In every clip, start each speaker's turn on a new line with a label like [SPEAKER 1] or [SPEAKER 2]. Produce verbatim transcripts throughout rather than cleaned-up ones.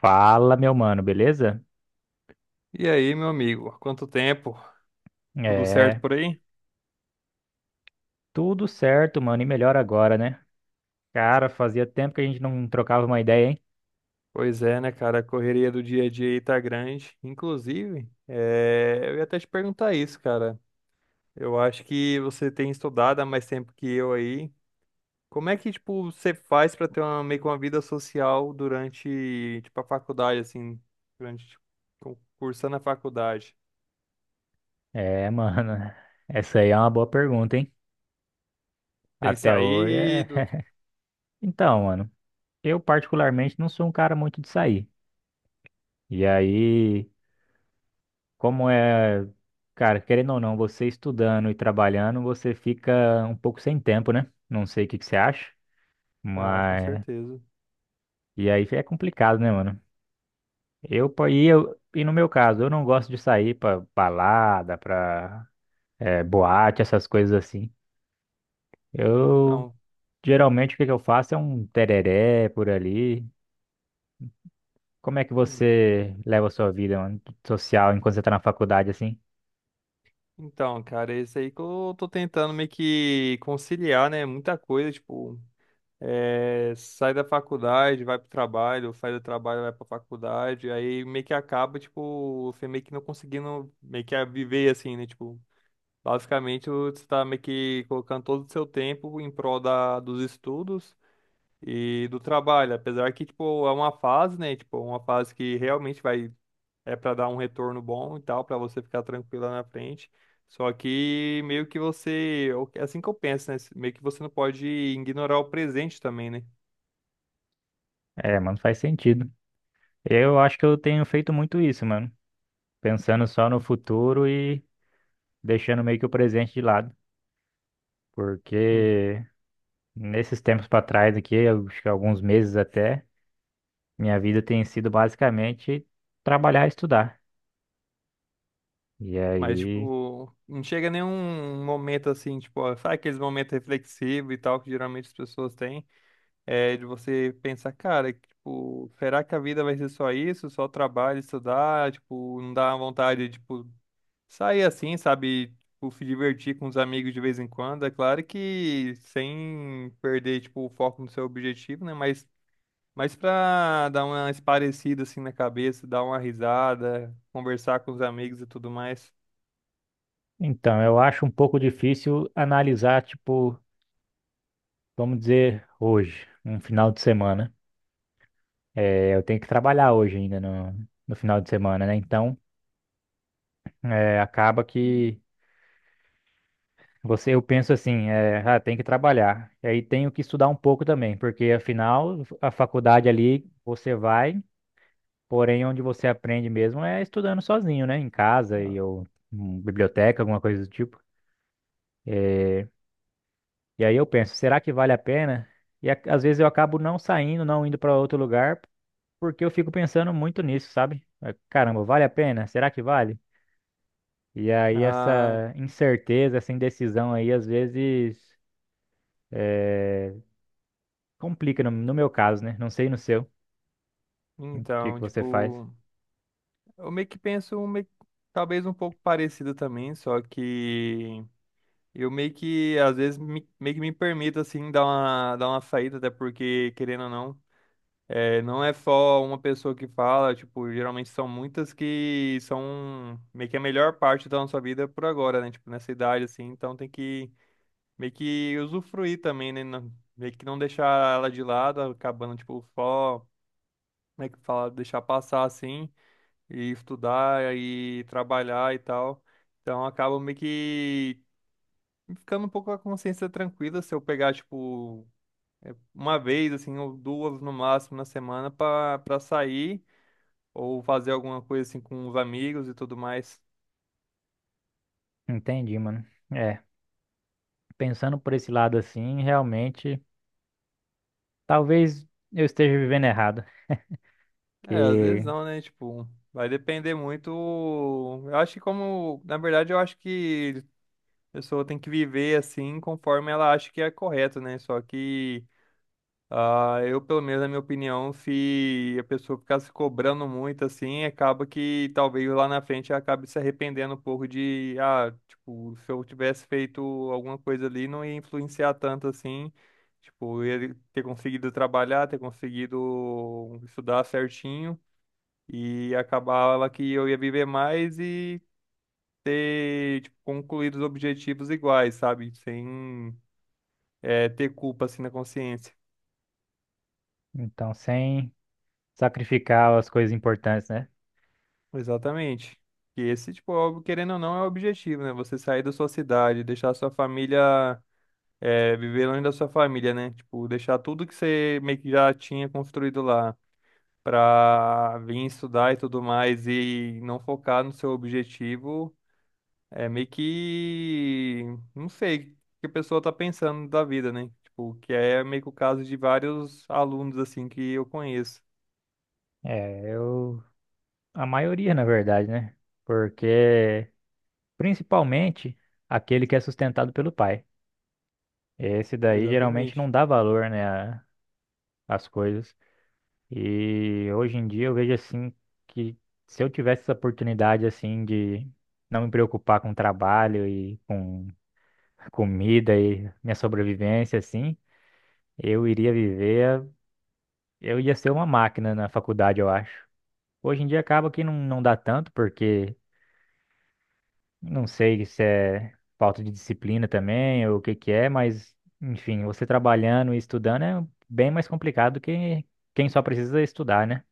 [SPEAKER 1] Fala, meu mano, beleza?
[SPEAKER 2] E aí, meu amigo, há quanto tempo? Tudo certo
[SPEAKER 1] É,
[SPEAKER 2] por aí?
[SPEAKER 1] tudo certo, mano, e melhor agora, né? Cara, fazia tempo que a gente não trocava uma ideia, hein?
[SPEAKER 2] Pois é, né, cara? A correria do dia a dia aí tá grande. Inclusive, eh, eu ia até te perguntar isso, cara. Eu acho que você tem estudado há mais tempo que eu aí. Como é que, tipo, você faz pra ter uma, meio que uma vida social durante, tipo, a faculdade, assim, durante, tipo, cu- cursando a faculdade?
[SPEAKER 1] É, mano, essa aí é uma boa pergunta, hein?
[SPEAKER 2] Tem
[SPEAKER 1] Até hoje é.
[SPEAKER 2] saído?
[SPEAKER 1] Então, mano, eu particularmente não sou um cara muito de sair. E aí, como é. Cara, querendo ou não, você estudando e trabalhando, você fica um pouco sem tempo, né? Não sei o que que você acha,
[SPEAKER 2] Ah, com
[SPEAKER 1] mas.
[SPEAKER 2] certeza.
[SPEAKER 1] E aí é complicado, né, mano? Eu, po- e, eu, e no meu caso, eu não gosto de sair pra balada, pra eh, boate, essas coisas assim. Eu,
[SPEAKER 2] Então.
[SPEAKER 1] Geralmente, o que que eu faço é um tereré por ali. Como é que você leva a sua vida, mano, social enquanto você tá na faculdade, assim?
[SPEAKER 2] Então, cara, é isso aí que eu tô tentando meio que conciliar, né? Muita coisa, tipo, é, sai da faculdade, vai pro trabalho, sai do trabalho, vai pra faculdade, aí meio que acaba, tipo, você meio que não conseguindo meio que viver assim, né? Tipo, basicamente você tá meio que colocando todo o seu tempo em prol da, dos estudos e do trabalho, apesar que, tipo, é uma fase, né? Tipo, é uma fase que realmente vai é para dar um retorno bom e tal, para você ficar tranquila na frente. Só que meio que você, é assim que eu penso, né? Meio que você não pode ignorar o presente também, né?
[SPEAKER 1] É, mano, faz sentido. Eu acho que eu tenho feito muito isso, mano. Pensando só no futuro e deixando meio que o presente de lado.
[SPEAKER 2] Hum.
[SPEAKER 1] Porque nesses tempos pra trás aqui, eu acho que alguns meses até. Minha vida tem sido basicamente trabalhar e estudar. E
[SPEAKER 2] Mas,
[SPEAKER 1] aí,
[SPEAKER 2] tipo, não chega nenhum momento assim, tipo, ó, sabe aqueles momentos reflexivos e tal que geralmente as pessoas têm, é de você pensar, cara, que, tipo, será que a vida vai ser só isso? Só trabalho, estudar, tipo, não dá vontade, tipo, sair assim, sabe? Tipo, se divertir com os amigos de vez em quando. É claro que sem perder, tipo, o foco no seu objetivo, né? Mas, mas pra dar uma esparecida assim na cabeça, dar uma risada, conversar com os amigos e tudo mais.
[SPEAKER 1] então, eu acho um pouco difícil analisar, tipo, vamos dizer, hoje, um final de semana. É, eu tenho que trabalhar hoje ainda no, no final de semana, né? Então, é, acaba que você, eu penso assim, é, ah, tem que trabalhar. E aí tenho que estudar um pouco também, porque afinal, a faculdade ali você vai, porém onde você aprende mesmo é estudando sozinho, né? Em casa e ou em biblioteca, alguma coisa do tipo. É, e aí eu penso: será que vale a pena? E a- às vezes eu acabo não saindo, não indo para outro lugar, porque eu fico pensando muito nisso, sabe? Eh, Caramba, vale a pena? Será que vale? E aí
[SPEAKER 2] Ah,
[SPEAKER 1] essa incerteza, essa indecisão aí, às vezes eh, complica no, no meu caso, né? Não sei no seu, o que que
[SPEAKER 2] então,
[SPEAKER 1] você faz.
[SPEAKER 2] tipo, eu meio que penso um meio- talvez um pouco parecido também, só que eu meio que às vezes me- meio que me permito assim dar uma dar uma saída, até porque querendo ou não. É, não é só uma pessoa que fala, tipo, geralmente são muitas que são meio que a melhor parte da nossa vida por agora, né? Tipo, nessa idade, assim, então tem que meio que usufruir também, né? Não, meio que não deixar ela de lado, acabando, tipo, só, como é que fala, deixar passar, assim, e estudar, e trabalhar e tal. Então acaba meio que ficando um pouco com a consciência tranquila se eu pegar, tipo, uma vez, assim, ou duas no máximo na semana pra, pra sair. Ou fazer alguma coisa assim com os amigos e tudo mais.
[SPEAKER 1] Entendi, mano. É, pensando por esse lado assim, realmente, talvez eu esteja vivendo errado.
[SPEAKER 2] É, às vezes
[SPEAKER 1] Que
[SPEAKER 2] não, né? Tipo, vai depender muito. Eu acho que como, na verdade, eu acho que a pessoa tem que viver assim conforme ela acha que é correto, né? Só que ah, eu, pelo menos, na minha opinião, se a pessoa ficar se cobrando muito assim, acaba que talvez lá na frente ela acabe se arrependendo um pouco de, ah, tipo, se eu tivesse feito alguma coisa ali, não ia influenciar tanto assim. Tipo, eu ia ter conseguido trabalhar, ter conseguido estudar certinho e acabava que eu ia viver mais e ter, tipo, concluído os objetivos iguais, sabe? Sem, eh, ter culpa assim na consciência.
[SPEAKER 1] então, sem sacrificar as coisas importantes, né?
[SPEAKER 2] Exatamente. E esse, tipo, óbvio, querendo ou não, é o objetivo, né? Você sair da sua cidade, deixar a sua família, é, viver longe da sua família, né? Tipo, deixar tudo que você meio que já tinha construído lá pra vir estudar e tudo mais e não focar no seu objetivo, é meio que, não sei, o que a pessoa tá pensando da vida, né? Tipo, que é meio que o caso de vários alunos, assim, que eu conheço.
[SPEAKER 1] É, eu. A maioria, na verdade, né? Porque, principalmente, aquele que é sustentado pelo pai. Esse daí geralmente
[SPEAKER 2] Exatamente.
[SPEAKER 1] não dá valor, né, a- às coisas. E hoje em dia eu vejo assim que se eu tivesse essa oportunidade assim de não me preocupar com trabalho e com comida e minha sobrevivência assim, eu iria viver, eu ia ser uma máquina na faculdade, eu acho. Hoje em dia acaba que não, não dá tanto, porque não sei se é falta de disciplina também ou o que que é, mas enfim, você trabalhando e estudando é bem mais complicado do que quem só precisa estudar, né?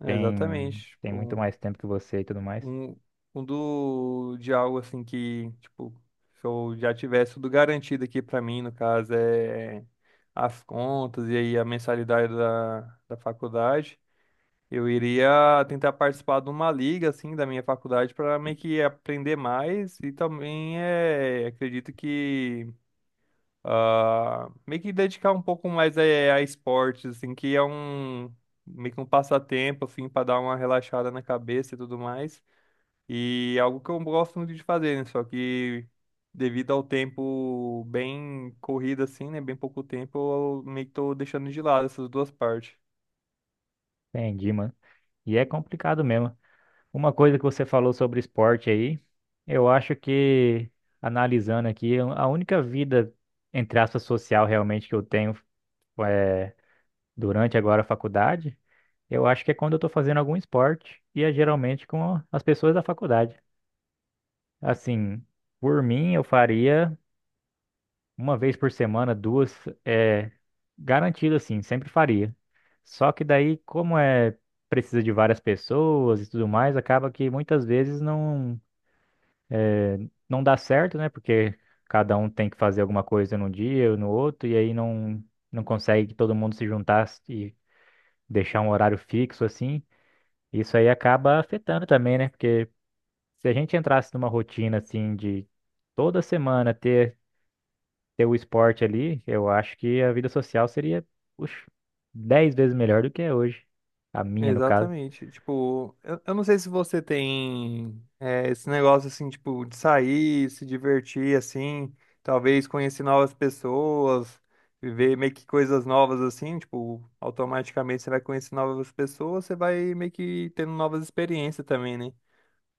[SPEAKER 2] É, exatamente.
[SPEAKER 1] Tem tem muito
[SPEAKER 2] Tipo,
[SPEAKER 1] mais tempo que você e tudo mais.
[SPEAKER 2] Um, um do de algo assim que, tipo, se eu já tivesse tudo garantido aqui pra mim, no caso, é as contas e aí a mensalidade da, da faculdade, eu iria tentar participar de uma liga, assim, da minha faculdade para meio que aprender mais e também é, acredito que ah, meio que dedicar um pouco mais é, a esportes, assim, que é um meio que um passatempo, assim, para dar uma relaxada na cabeça e tudo mais. E é algo que eu gosto muito de fazer, né? Só que devido ao tempo bem corrido assim, né? Bem pouco tempo, eu meio que tô deixando de lado essas duas partes.
[SPEAKER 1] Entendi, mano. E é complicado mesmo. Uma coisa que você falou sobre esporte aí, eu acho que analisando aqui, a única vida entre aspas social realmente que eu tenho é durante agora a faculdade. Eu acho que é quando eu tô fazendo algum esporte e é geralmente com as pessoas da faculdade. Assim, por mim, eu faria uma vez por semana, duas, é garantido assim, sempre faria. Só que daí, como é, precisa de várias pessoas e tudo mais, acaba que muitas vezes não é, não dá certo, né? Porque cada um tem que fazer alguma coisa num dia ou no outro e aí não, não consegue que todo mundo se juntasse e deixar um horário fixo assim. Isso aí acaba afetando também, né? Porque se a gente entrasse numa rotina assim de toda semana ter, ter, o esporte ali, eu acho que a vida social seria, puxa, dez vezes melhor do que é hoje. A minha, no caso.
[SPEAKER 2] Exatamente. Tipo, eu, eu não sei se você tem é, esse negócio assim, tipo, de sair, se divertir assim, talvez conhecer novas pessoas, viver meio que coisas novas assim, tipo, automaticamente você vai conhecer novas pessoas, você vai meio que tendo novas experiências também, né?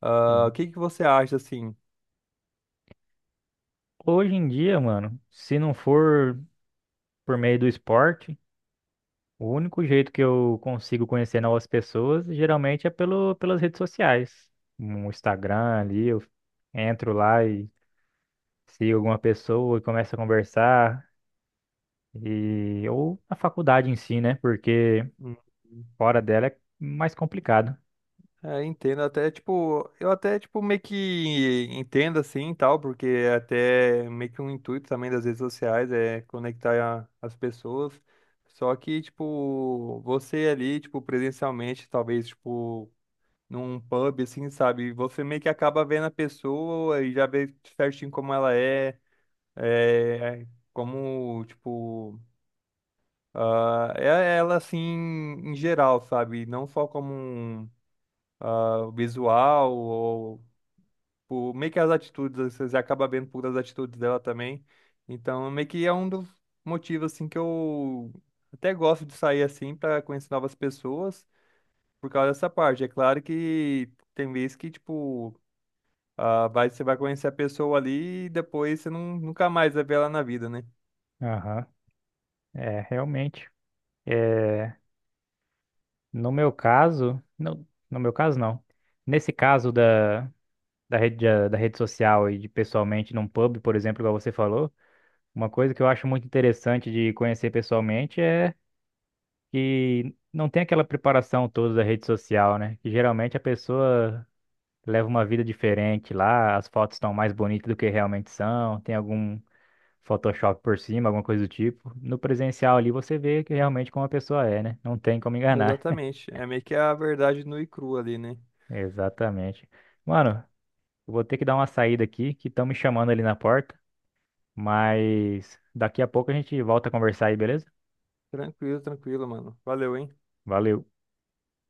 [SPEAKER 2] Ah, o
[SPEAKER 1] Sim.
[SPEAKER 2] que que você acha assim?
[SPEAKER 1] Hoje em dia, mano, se não for por meio do esporte, o único jeito que eu consigo conhecer novas pessoas geralmente é pelo, pelas redes sociais. No Instagram ali, eu entro lá e sigo alguma pessoa e começo a conversar. E, ou a faculdade em si, né? Porque
[SPEAKER 2] Hum.
[SPEAKER 1] fora dela é mais complicado.
[SPEAKER 2] É, entendo até, tipo, eu até, tipo, meio que entendo assim e tal, porque é até meio que um intuito também das redes sociais é conectar a- as pessoas. Só que, tipo, você ali, tipo, presencialmente, talvez, tipo, num pub, assim, sabe? Você meio que acaba vendo a pessoa e já vê certinho como ela é, é, como, tipo, ah, é ela assim em geral, sabe? Não só como um, ah, o visual, ou por, meio que as atitudes, você acaba vendo por das atitudes dela também. Então, meio que é um dos motivos, assim, que eu até gosto de sair, assim, para conhecer novas pessoas, por causa dessa parte. É claro que tem vezes que, tipo, ah, vai, você vai conhecer a pessoa ali e depois você não, nunca mais vai ver ela na vida, né?
[SPEAKER 1] Aham. É, realmente. É, no meu caso, não, no meu caso não. Nesse caso da, da rede, da, da rede social e de pessoalmente num pub, por exemplo, igual você falou, uma coisa que eu acho muito interessante de conhecer pessoalmente é que não tem aquela preparação toda da rede social, né? Que geralmente a pessoa leva uma vida diferente lá, as fotos estão mais bonitas do que realmente são, tem algum Photoshop por cima, alguma coisa do tipo. No presencial ali você vê que realmente como a pessoa é, né? Não tem como enganar.
[SPEAKER 2] Exatamente. É meio que a verdade nua e crua ali, né?
[SPEAKER 1] Exatamente. Mano, eu vou ter que dar uma saída aqui, que estão me chamando ali na porta, mas daqui a pouco a gente volta a conversar aí, beleza?
[SPEAKER 2] Tranquilo, tranquilo, mano. Valeu, hein?
[SPEAKER 1] Valeu.